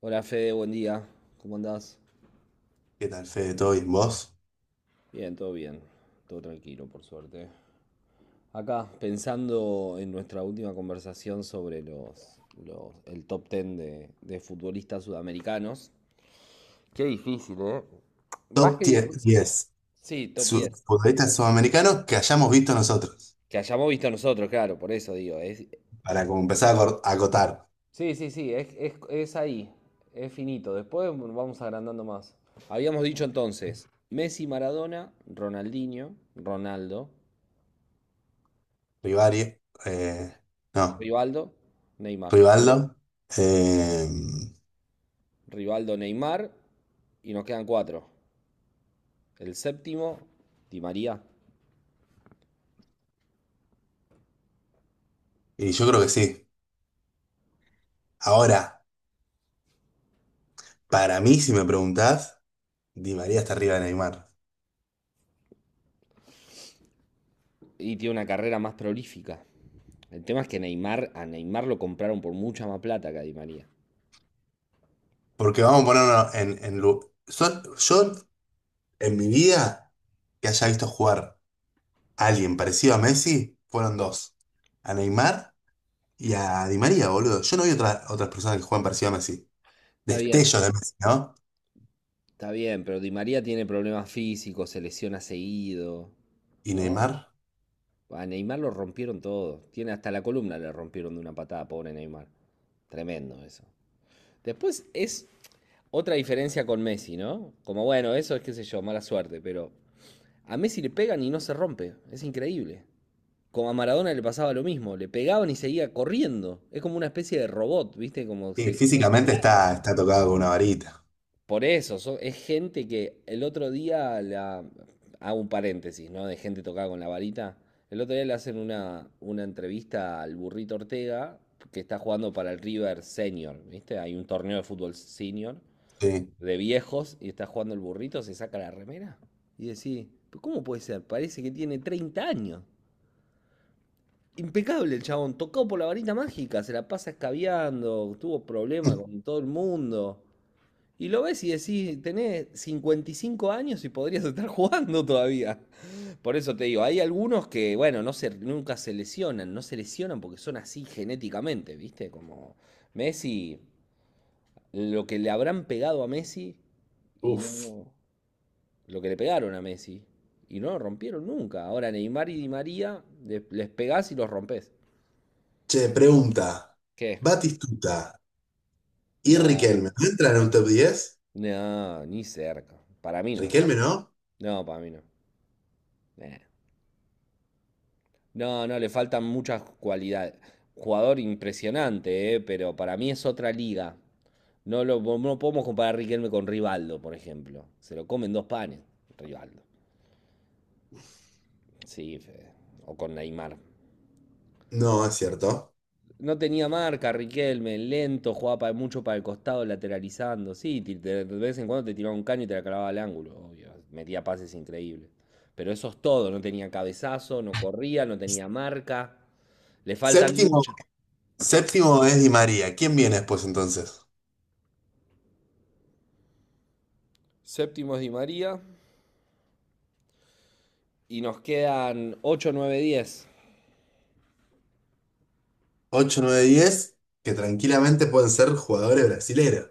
Hola Fede, buen día. ¿Cómo andás? ¿Qué tal, Fede? ¿Todo bien? ¿Vos? Bien. Todo tranquilo, por suerte. Acá, pensando en nuestra última conversación sobre el top ten de futbolistas sudamericanos. Qué difícil, ¿eh? Más Top que tie- difícil. diez Sí, top 10. futbolistas sudamericanos que hayamos visto nosotros. Que hayamos visto nosotros, claro, por eso digo. Para como empezar a acotar. Sí, sí, sí, es ahí. Es finito. Después vamos agrandando más. Habíamos dicho entonces, Messi, Maradona, Ronaldinho, Ronaldo, Rivari, eh, no, Rivaldo, Neymar. Rivaldo. eh, Rivaldo, Neymar. Y nos quedan cuatro. El séptimo, Di María. y yo creo que sí. Ahora, para mí, si me preguntás, Di María está arriba de Neymar. Y tiene una carrera más prolífica. El tema es que Neymar, a Neymar lo compraron por mucha más plata que a Di María. Porque vamos a ponernos en... yo, en mi vida, que haya visto jugar a alguien parecido a Messi, fueron dos. A Neymar y a Di María, boludo. Yo no vi otras personas que juegan parecido a Messi. Está bien, Destellos de Messi, ¿no? está bien, pero Di María tiene problemas físicos, se lesiona seguido, Y ¿no? Neymar. A Neymar lo rompieron todo. Tiene hasta la columna le rompieron de una patada, pobre Neymar. Tremendo eso. Después es otra diferencia con Messi, ¿no? Como bueno, eso es qué sé yo, mala suerte, pero a Messi le pegan y no se rompe, es increíble. Como a Maradona le pasaba lo mismo, le pegaban y seguía corriendo. Es como una especie de robot, ¿viste? Como Sí, se- no- físicamente está tocado con una varita. Por eso, es gente que el otro día Hago un paréntesis, ¿no? De gente tocada con la varita. El otro día le hacen una entrevista al burrito Ortega, que está jugando para el River Senior, ¿viste? Hay un torneo de fútbol senior, Sí. de viejos, y está jugando el burrito, se saca la remera y decís, ¿cómo puede ser? Parece que tiene 30 años. Impecable el chabón, tocado por la varita mágica, se la pasa escabeando, tuvo problemas con todo el mundo. Y lo ves y decís, tenés 55 años y podrías estar jugando todavía. Por eso te digo, hay algunos que, bueno, no se, nunca se lesionan, no se lesionan porque son así genéticamente, ¿viste? Como Messi, lo que le habrán pegado a Messi y Uf. no, lo que le pegaron a Messi. Y no lo rompieron nunca. Ahora Neymar y Di María les pegás y los rompes. Che, pregunta. ¿Qué? Batistuta y No, Riquelme. ¿No entran en un top 10? no, ni cerca. Para mí no. ¿Riquelme no? No, para mí no. Eh. No, no, le faltan muchas cualidades. Jugador impresionante, pero para mí es otra liga. No lo no no podemos comparar a Riquelme con Rivaldo, por ejemplo. Se lo comen dos panes, Rivaldo. Sí, Fede. O con Neymar. No, es cierto. No tenía marca, Riquelme, lento, jugaba mucho para el costado, lateralizando. Sí, de vez en cuando te tiraba un caño y te la clavaba al ángulo, obvio. Metía pases increíbles. Pero eso es todo, no tenía cabezazo, no corría, no tenía marca. Le faltan Séptimo, muchas. séptimo es Di María. ¿Quién viene después entonces? Séptimo es Di María y nos quedan ocho, nueve, diez. Ocho, nueve, diez, que tranquilamente pueden ser jugadores brasileros.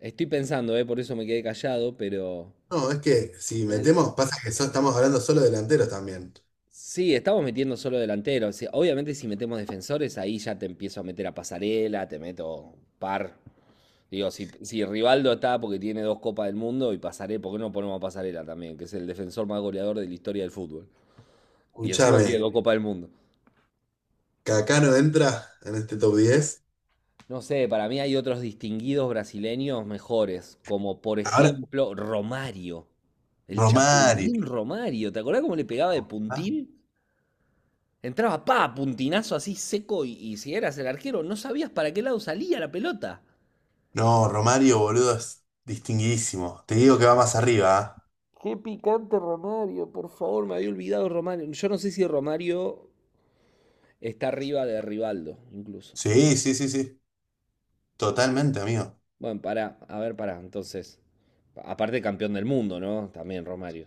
Estoy pensando, por eso me quedé callado, No, es que si el- metemos, pasa que estamos hablando solo de delanteros también. Sí, estamos metiendo solo delanteros. Sí, obviamente si metemos defensores, ahí ya te empiezo a meter a Pasarela, te meto par. Digo, si Rivaldo está porque tiene dos Copas del Mundo y Pasarela, ¿por qué no ponemos a Pasarela también? Que es el defensor más goleador de la historia del fútbol. Y encima tiene Escúchame, dos Copas del Mundo. ¿Cacano entra en este top 10? No sé, para mí hay otros distinguidos brasileños mejores, como por Ahora, ejemplo Romario. El Romario. Chapulín Romario. ¿Te acordás cómo le pegaba de ¿Ah? puntín? Entraba, pa, puntinazo así seco y si eras el arquero no sabías para qué lado salía la pelota. No, Romario, boludo, es distinguidísimo. Te digo que va más arriba. ¿Ah? Qué picante Romario, por favor, me había olvidado Romario. Yo no sé si Romario está arriba de Rivaldo, incluso. Sí, sí, sí, sí. Totalmente, amigo. Bueno, pará, a ver, pará, entonces. Aparte campeón del mundo, ¿no? También Romario.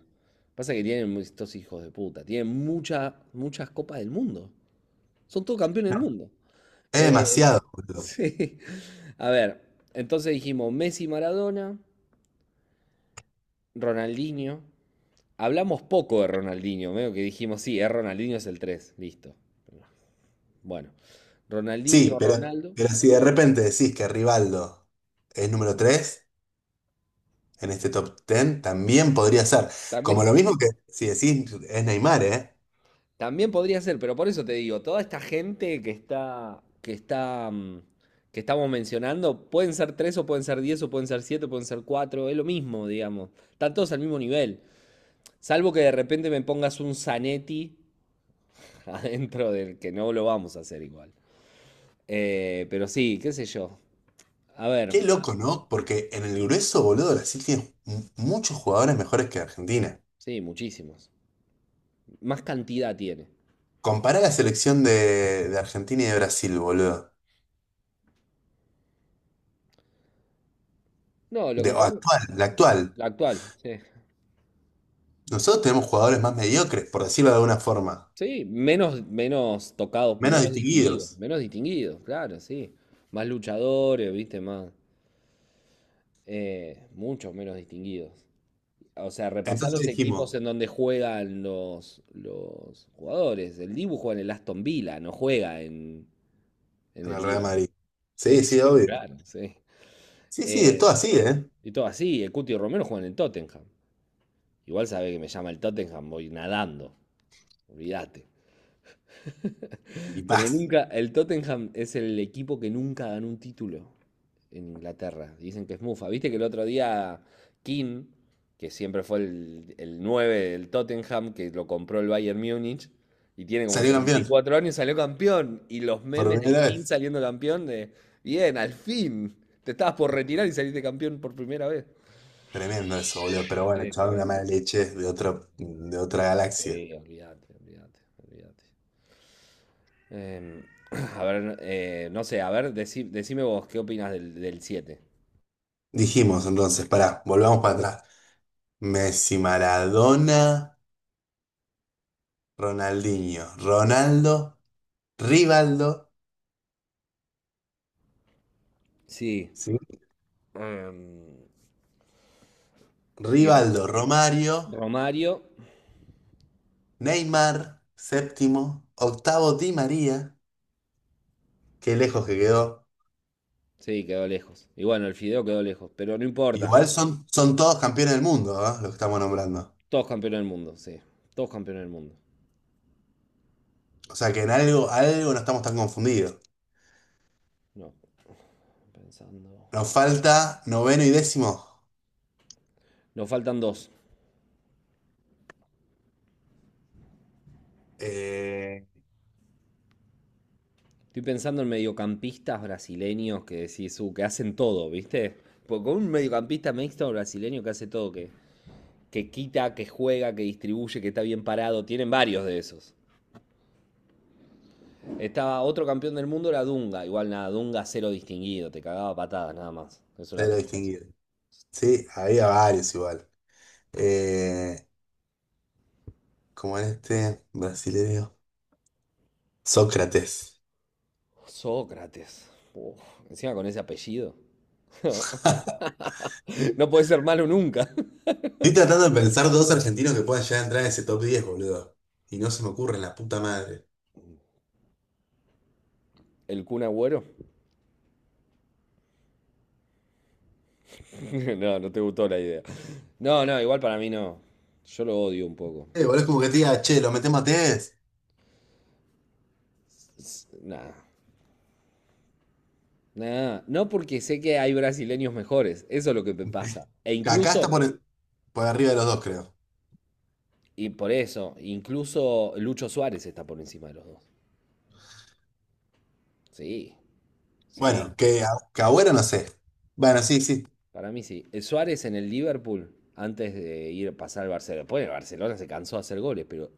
Pasa que tienen estos hijos de puta. Tienen muchas, muchas copas del mundo. Son todos campeones del No, mundo. es Eh, demasiado, boludo. sí. A ver, entonces dijimos Messi, Maradona, Ronaldinho. Hablamos poco de Ronaldinho, medio que dijimos, sí, es Ronaldinho es el 3 listo. Bueno, Sí, Ronaldinho, pero, Ronaldo, pero si de repente decís que Rivaldo es número 3 en este top 10, también podría ser. Como también, lo mismo que si decís es Neymar, ¿eh? También. Podría ser, pero por eso te digo, toda esta gente que está, que estamos mencionando, pueden ser tres o pueden ser diez o pueden ser siete, pueden ser cuatro, es lo mismo, digamos. Están todos al mismo nivel. Salvo que de repente me pongas un Zanetti adentro del que no lo vamos a hacer igual. Pero sí, qué sé yo. A ver, Qué loco, ¿no? Porque en el grueso, boludo, Brasil tiene muchos jugadores mejores que Argentina. sí, muchísimos. Más cantidad tiene. Compará la selección de Argentina y de Brasil, boludo. No, lo De, que o pongo, actual, la actual. la actual, sí. Nosotros tenemos jugadores más mediocres, por decirlo de alguna forma. Sí, menos, menos tocado, Menos distinguidos. menos distinguido, claro, sí. Más luchadores, viste, más, muchos menos distinguidos. O sea, repasar Entonces los equipos dijimos, en donde juegan los jugadores. El Dibu juega en el Aston Villa, no juega en en el el Real Liverpool. Madrid. Sí, Sí, sí, sí, obvio. claro, sí. Sí, sí, es Eh, todo así, ¿eh? y todo así, el Cuti Romero juega en el Tottenham. Igual sabe que me llama el Tottenham, voy nadando, olvídate. Y Pero paz. nunca, el Tottenham es el equipo que nunca ganó un título en Inglaterra. Dicen que es mufa. Viste que el otro día King, que siempre fue el 9 del Tottenham, que lo compró el Bayern Múnich, y tiene como Salió campeón. 34 años, salió campeón. Y los Por memes de primera King vez. saliendo campeón de, bien, al fin, te estabas por retirar y saliste campeón por primera vez. Tremendo eso, boludo. Pero bueno, Sí, chaval, una tremendo. mala leche de otro, de otra galaxia. Sí, olvídate, olvídate, olvídate. Em, a ver, no sé, a ver, decime vos, ¿qué opinas del siete? Dijimos entonces, pará, volvamos para atrás. Messi, Maradona, Ronaldinho, Ronaldo, Rivaldo. Sí. Sí. Em, y Ro- Rivaldo, Romario, Romario, Neymar, séptimo, octavo Di María, qué lejos que quedó. sí, quedó lejos. Y bueno, el Fideo quedó lejos, pero no importa. Igual son todos campeones del mundo, ¿ah? Los que estamos nombrando. Todos campeones del mundo, sí. Todos campeones del mundo. O sea que en algo, algo no estamos tan confundidos. No, pensando. Nos falta noveno y décimo. Nos faltan dos. Eh, Estoy pensando en mediocampistas brasileños que decís, que hacen todo, ¿viste? Porque con un mediocampista mixto brasileño que hace todo, que quita, que juega, que distribuye, que está bien parado, tienen varios de esos. Estaba otro campeón del mundo, era Dunga. Igual nada, Dunga cero distinguido, te cagaba patadas nada más. Eso era se lo... todo. Sí, había varios igual. Eh, como en este brasileño, Sócrates. Sócrates. Uf, encima con ese apellido. No, no puede ser malo nunca. Estoy tratando de pensar dos argentinos que puedan llegar a entrar en ese top 10, boludo. Y no se me ocurre la puta madre. ¿El Kun Agüero? No, no te gustó la idea. No, no, igual para mí no. Yo lo odio un poco. Boludo, es como que te diga, che, lo metemos a Tevez. Nada. Nada. No porque sé que hay brasileños mejores. Eso es lo que me pasa. E Que acá está incluso, por arriba de los dos, creo. y por eso, incluso Lucho Suárez está por encima de los dos. Sí, sí. Bueno, que, a- que Agüero no sé. Bueno, sí, sí. Para mí sí. El Suárez en el Liverpool, antes de ir a pasar al Barcelona. Después el Barcelona se cansó de hacer goles, pero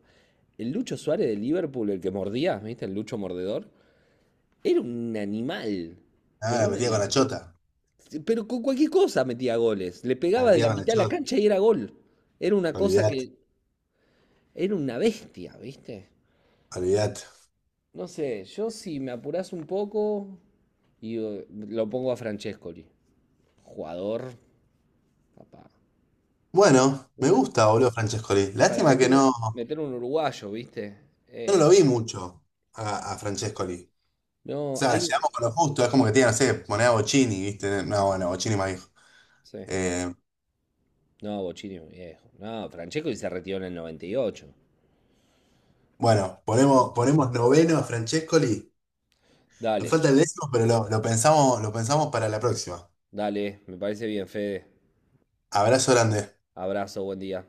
el Lucho Suárez del Liverpool, el que mordía, ¿viste? El Lucho mordedor, era un animal. Ah, Pero la un metía con la animal. chota. Pero con cualquier cosa metía goles. Le La pegaba de metía la con la mitad de la chota. cancha y era gol. Era una cosa Olvidate, que. Era una bestia, ¿viste? olvidate. No sé, yo si me apurás un poco. Y lo pongo a Francescoli. Jugador, papá. Bueno, me Una. gusta, boludo, Francescoli. Para Lástima que meter un, no. meter un uruguayo, ¿viste? Yo no Eh, lo vi mucho a Francescoli. O no, sea, llegamos con lo justo. Es como que tiene, no sé, poner a Bochini, ¿viste? No, bueno, Bochini más viejo. Sí. Eh, No, Bochini es viejo. No, Francesco se retiró en el 98. bueno, Llegó. ponemos noveno a Francescoli. Nos Dale, falta el décimo, pero lo pensamos para la próxima. dale, me parece bien, Fede. Abrazo grande. Abrazo, buen día.